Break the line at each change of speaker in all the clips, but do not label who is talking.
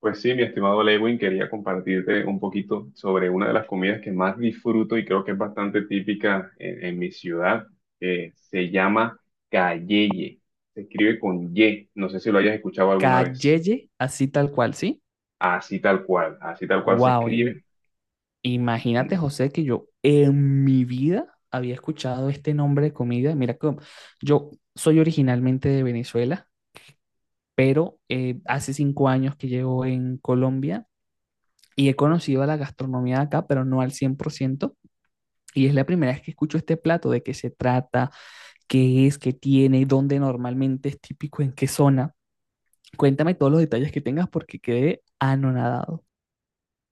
Pues sí, mi estimado Lewin, quería compartirte un poquito sobre una de las comidas que más disfruto y creo que es bastante típica en mi ciudad, que se llama calleye. Se escribe con Y, no sé si lo hayas escuchado alguna vez.
Calleye, así tal cual, ¿sí?
Así tal cual se
Wow,
escribe.
imagínate, José, que yo en mi vida había escuchado este nombre de comida. Mira, que yo soy originalmente de Venezuela, pero hace cinco años que llevo en Colombia y he conocido a la gastronomía de acá, pero no al 100%. Y es la primera vez que escucho este plato, ¿de qué se trata, qué es, qué tiene, dónde normalmente es típico, en qué zona? Cuéntame todos los detalles que tengas porque quedé anonadado.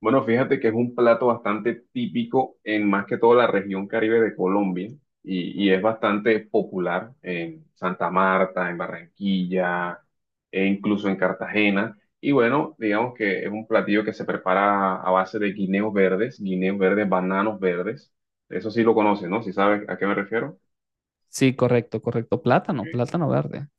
Bueno, fíjate que es un plato bastante típico en más que todo la región Caribe de Colombia y es bastante popular en Santa Marta, en Barranquilla e incluso en Cartagena. Y bueno, digamos que es un platillo que se prepara a base de guineos verdes, bananos verdes. Eso sí lo conoces, ¿no? Si sabes a qué me refiero.
Sí, correcto, correcto.
Ok.
Plátano, plátano verde.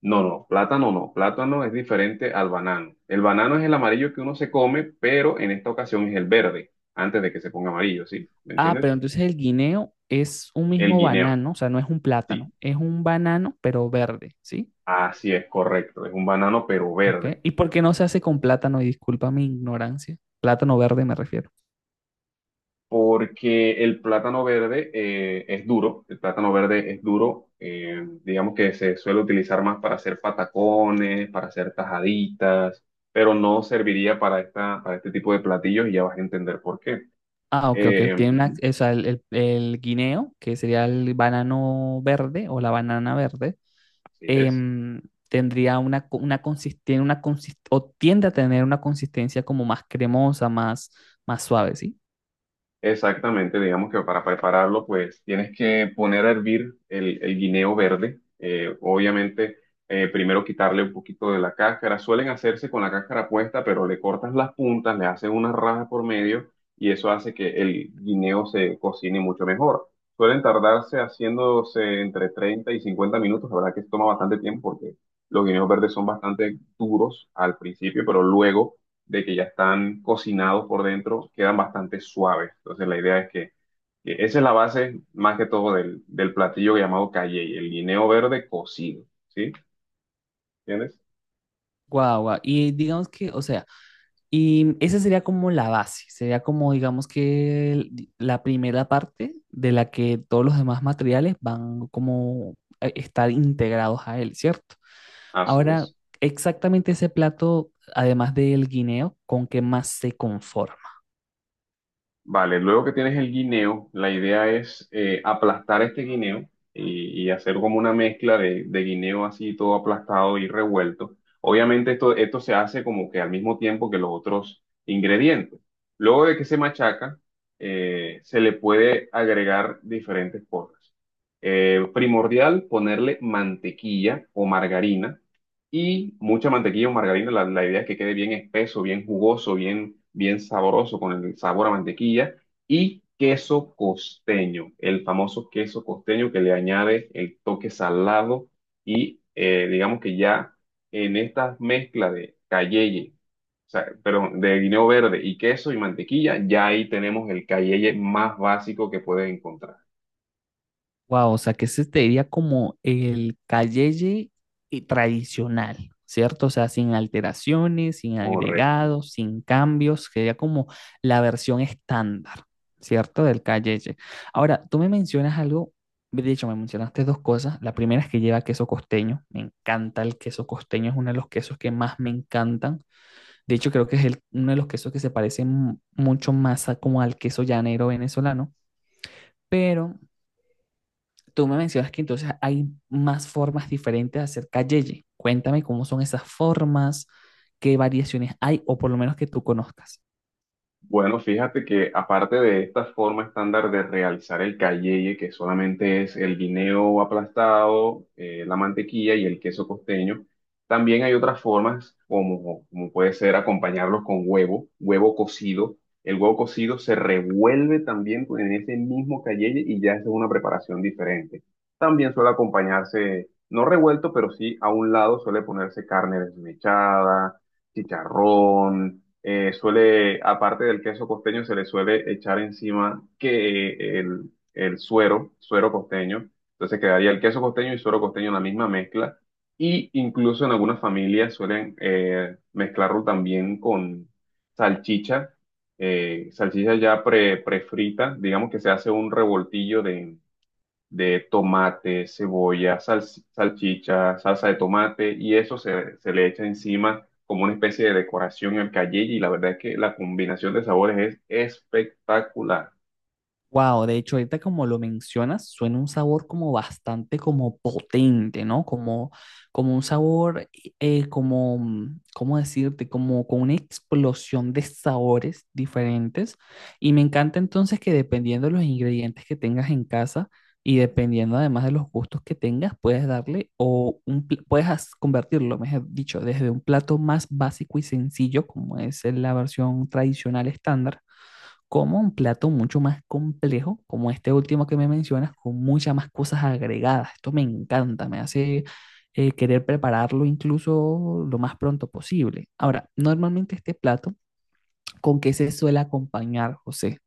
No, no, plátano no. Plátano es diferente al banano. El banano es el amarillo que uno se come, pero en esta ocasión es el verde, antes de que se ponga amarillo, ¿sí? ¿Me
Ah, pero
entiendes?
entonces el guineo es un
El
mismo
guineo,
banano, o sea, no es un
sí.
plátano, es un banano, pero verde, ¿sí?
Así es, correcto. Es un banano, pero
Ok.
verde.
¿Y por qué no se hace con plátano? Y disculpa mi ignorancia. Plátano verde me refiero.
Porque el plátano verde es duro. El plátano verde es duro. Digamos que se suele utilizar más para hacer patacones, para hacer tajaditas, pero no serviría para esta, para este tipo de platillos y ya vas a entender por qué.
Ah, ok, ok. Tiene una,
Ujú,
o sea, el guineo, que sería el banano verde o la banana verde,
así es.
em, tendría una, una tiene una o tiende a tener una consistencia como más cremosa, más, más suave, ¿sí?
Exactamente, digamos que para prepararlo, pues tienes que poner a hervir el guineo verde. Obviamente, primero quitarle un poquito de la cáscara. Suelen hacerse con la cáscara puesta, pero le cortas las puntas, le haces unas rajas por medio y eso hace que el guineo se cocine mucho mejor. Suelen tardarse haciéndose entre 30 y 50 minutos. La verdad que toma bastante tiempo porque los guineos verdes son bastante duros al principio, pero luego de que ya están cocinados por dentro, quedan bastante suaves. Entonces la idea es que esa es la base más que todo del platillo llamado calle, el guineo verde cocido, ¿sí? ¿Entiendes?
Guau, guau. Y digamos que, o sea, y esa sería como la base, sería como digamos que la primera parte de la que todos los demás materiales van como a estar integrados a él, ¿cierto?
Así
Ahora,
es.
exactamente ese plato, además del guineo, ¿con qué más se conforma?
Vale, luego que tienes el guineo, la idea es aplastar este guineo y hacer como una mezcla de guineo así todo aplastado y revuelto. Obviamente esto se hace como que al mismo tiempo que los otros ingredientes. Luego de que se machaca, se le puede agregar diferentes cosas. Primordial, ponerle mantequilla o margarina y mucha mantequilla o margarina. La idea es que quede bien espeso, bien jugoso, bien, bien sabroso con el sabor a mantequilla. Y queso costeño, el famoso queso costeño que le añade el toque salado y digamos que ya en esta mezcla de cayeye, o sea, perdón, de guineo verde y queso y mantequilla, ya ahí tenemos el cayeye más básico que puedes encontrar.
Wow, o sea que ese te diría como el calleye y tradicional, ¿cierto? O sea, sin alteraciones, sin
Correcto.
agregados, sin cambios, sería como la versión estándar, ¿cierto? Del calleye. Ahora, tú me mencionas algo, de hecho, me mencionaste dos cosas. La primera es que lleva queso costeño, me encanta el queso costeño, es uno de los quesos que más me encantan. De hecho, creo que es uno de los quesos que se parece mucho más a, como al queso llanero venezolano, pero tú me mencionas que entonces hay más formas diferentes de hacer calleye. Cuéntame cómo son esas formas, qué variaciones hay, o por lo menos que tú conozcas.
Bueno, fíjate que aparte de esta forma estándar de realizar el calleye, que solamente es el guineo aplastado, la mantequilla y el queso costeño, también hay otras formas como, como puede ser acompañarlos con huevo, huevo cocido. El huevo cocido se revuelve también con- en ese mismo calleye y ya es una preparación diferente. También suele acompañarse, no revuelto, pero sí a un lado suele ponerse carne desmechada, chicharrón suele, aparte del queso costeño, se le suele echar encima que el suero costeño. Entonces quedaría el queso costeño y suero costeño en la misma mezcla. Y incluso en algunas familias suelen mezclarlo también con salchicha, salchicha ya prefrita, digamos que se hace un revoltillo de tomate, cebolla, salchicha, salsa de tomate y eso se le echa encima como una especie de decoración al cayeye y la verdad es que la combinación de sabores es espectacular.
Wow, de hecho, ahorita como lo mencionas, suena un sabor como bastante como potente, ¿no? Como, como un sabor, como, ¿cómo decirte? Como con una explosión de sabores diferentes. Y me encanta entonces que dependiendo de los ingredientes que tengas en casa y dependiendo además de los gustos que tengas, puedes darle o un, puedes convertirlo, mejor dicho, desde un plato más básico y sencillo, como es la versión tradicional estándar, como un plato mucho más complejo, como este último que me mencionas, con muchas más cosas agregadas. Esto me encanta, me hace querer prepararlo incluso lo más pronto posible. Ahora, normalmente este plato, ¿con qué se suele acompañar, José?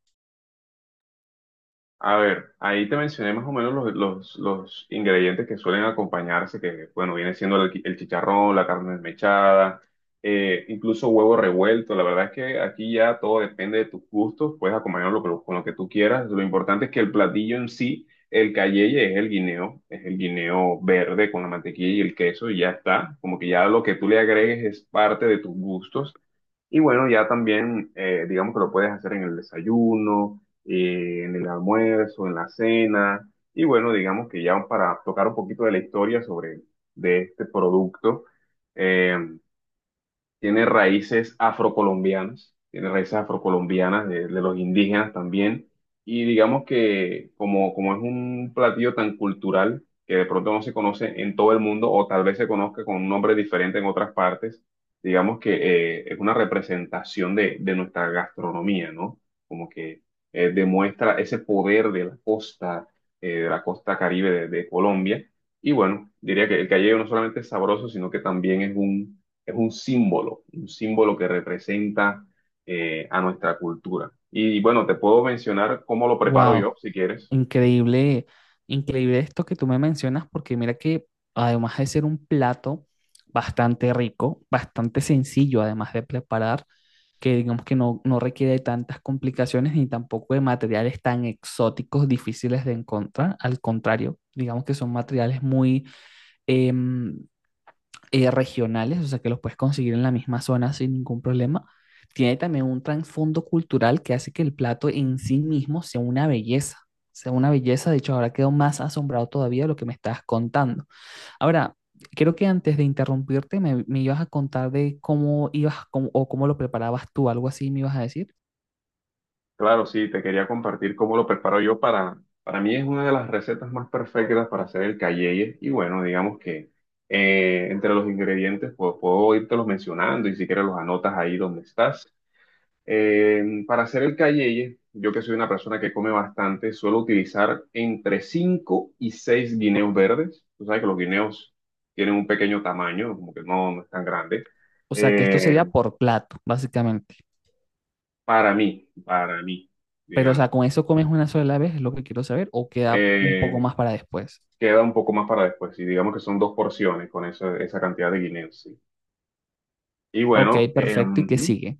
A ver, ahí te mencioné más o menos los ingredientes que suelen acompañarse, que bueno, viene siendo el chicharrón, la carne desmechada, incluso huevo revuelto. La verdad es que aquí ya todo depende de tus gustos, puedes acompañarlo con lo que tú quieras. Lo importante es que el platillo en sí, el cayeye es el guineo verde con la mantequilla y el queso y ya está. Como que ya lo que tú le agregues es parte de tus gustos. Y bueno, ya también, digamos que lo puedes hacer en el desayuno, en el almuerzo, en la cena. Y bueno, digamos que ya para tocar un poquito de la historia sobre de este producto, eh, tiene raíces afrocolombianas de los indígenas también, y digamos que como, como es un platillo tan cultural que de pronto no se conoce en todo el mundo o tal vez se conozca con un nombre diferente en otras partes, digamos que es una representación de nuestra gastronomía, ¿no? Como que demuestra ese poder de la costa Caribe de Colombia. Y bueno, diría que el callejón no solamente es sabroso, sino que también es un símbolo que representa a nuestra cultura. Y bueno, te puedo mencionar cómo lo preparo
Wow,
yo, si quieres.
increíble, increíble esto que tú me mencionas, porque mira que además de ser un plato bastante rico, bastante sencillo además de preparar, que digamos que no, no requiere de tantas complicaciones ni tampoco de materiales tan exóticos, difíciles de encontrar. Al contrario, digamos que son materiales muy eh, regionales, o sea que los puedes conseguir en la misma zona sin ningún problema. Tiene también un trasfondo cultural que hace que el plato en sí mismo sea una belleza, sea una belleza. De hecho, ahora quedo más asombrado todavía de lo que me estás contando. Ahora, creo que antes de interrumpirte me ibas a contar de cómo ibas cómo- o cómo lo preparabas tú, algo así me ibas a decir.
Claro, sí, te quería compartir cómo lo preparo yo para mí es una de las recetas más perfectas para hacer el calleye. Y bueno, digamos que entre los ingredientes pues, puedo irte los mencionando y si quieres los anotas ahí donde estás. Para hacer el cayeye, yo que soy una persona que come bastante, suelo utilizar entre 5 y 6 guineos verdes. Tú sabes que los guineos tienen un pequeño tamaño, como que no, no es tan grande.
O sea, que esto
Eh,
sería por plato, básicamente.
para mí, para mí,
Pero, o sea,
digamos.
¿con eso comes una sola vez? Es lo que quiero saber, o queda un poco
Eh,
más para después.
Queda un poco más para después, y digamos que son dos porciones con esa, esa cantidad de guineos, sí. Y
Ok,
bueno,
perfecto. ¿Y qué sigue?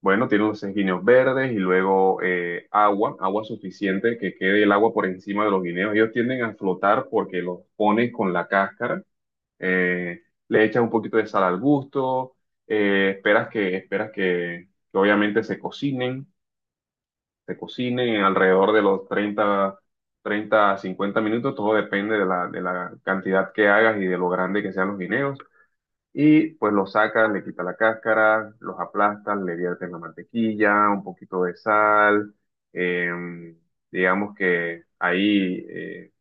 bueno, tiene los 6 guineos verdes y luego agua, agua suficiente que quede el agua por encima de los guineos. Ellos tienden a flotar porque los pones con la cáscara. eh, Le echas un poquito de sal al gusto, esperas que obviamente se cocinen alrededor de los treinta a 50 minutos. Todo depende de la cantidad que hagas y de lo grande que sean los guineos. Y pues los sacas, le quitas la cáscara, los aplastas, le viertes la mantequilla, un poquito de sal. em, digamos que ahí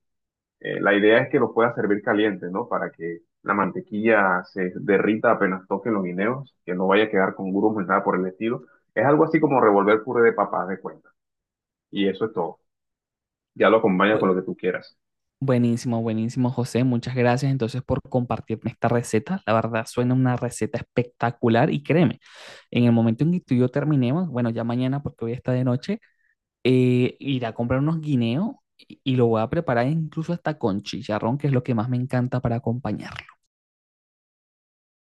la idea es que los puedas servir caliente, ¿no? Para que la mantequilla se derrita apenas toquen los guineos, que no vaya a quedar con grumos ni nada por el estilo. Es algo así como revolver puré de papas de cuenta. Y eso es todo. Ya lo acompañas con
Bu-
lo que tú quieras.
Buenísimo, buenísimo, José. Muchas gracias entonces por compartirme esta receta. La verdad, suena una receta espectacular y créeme, en el momento en que tú y yo terminemos, bueno, ya mañana porque hoy está de noche, ir a comprar unos guineos y lo voy a preparar incluso hasta con chicharrón, que es lo que más me encanta para acompañar.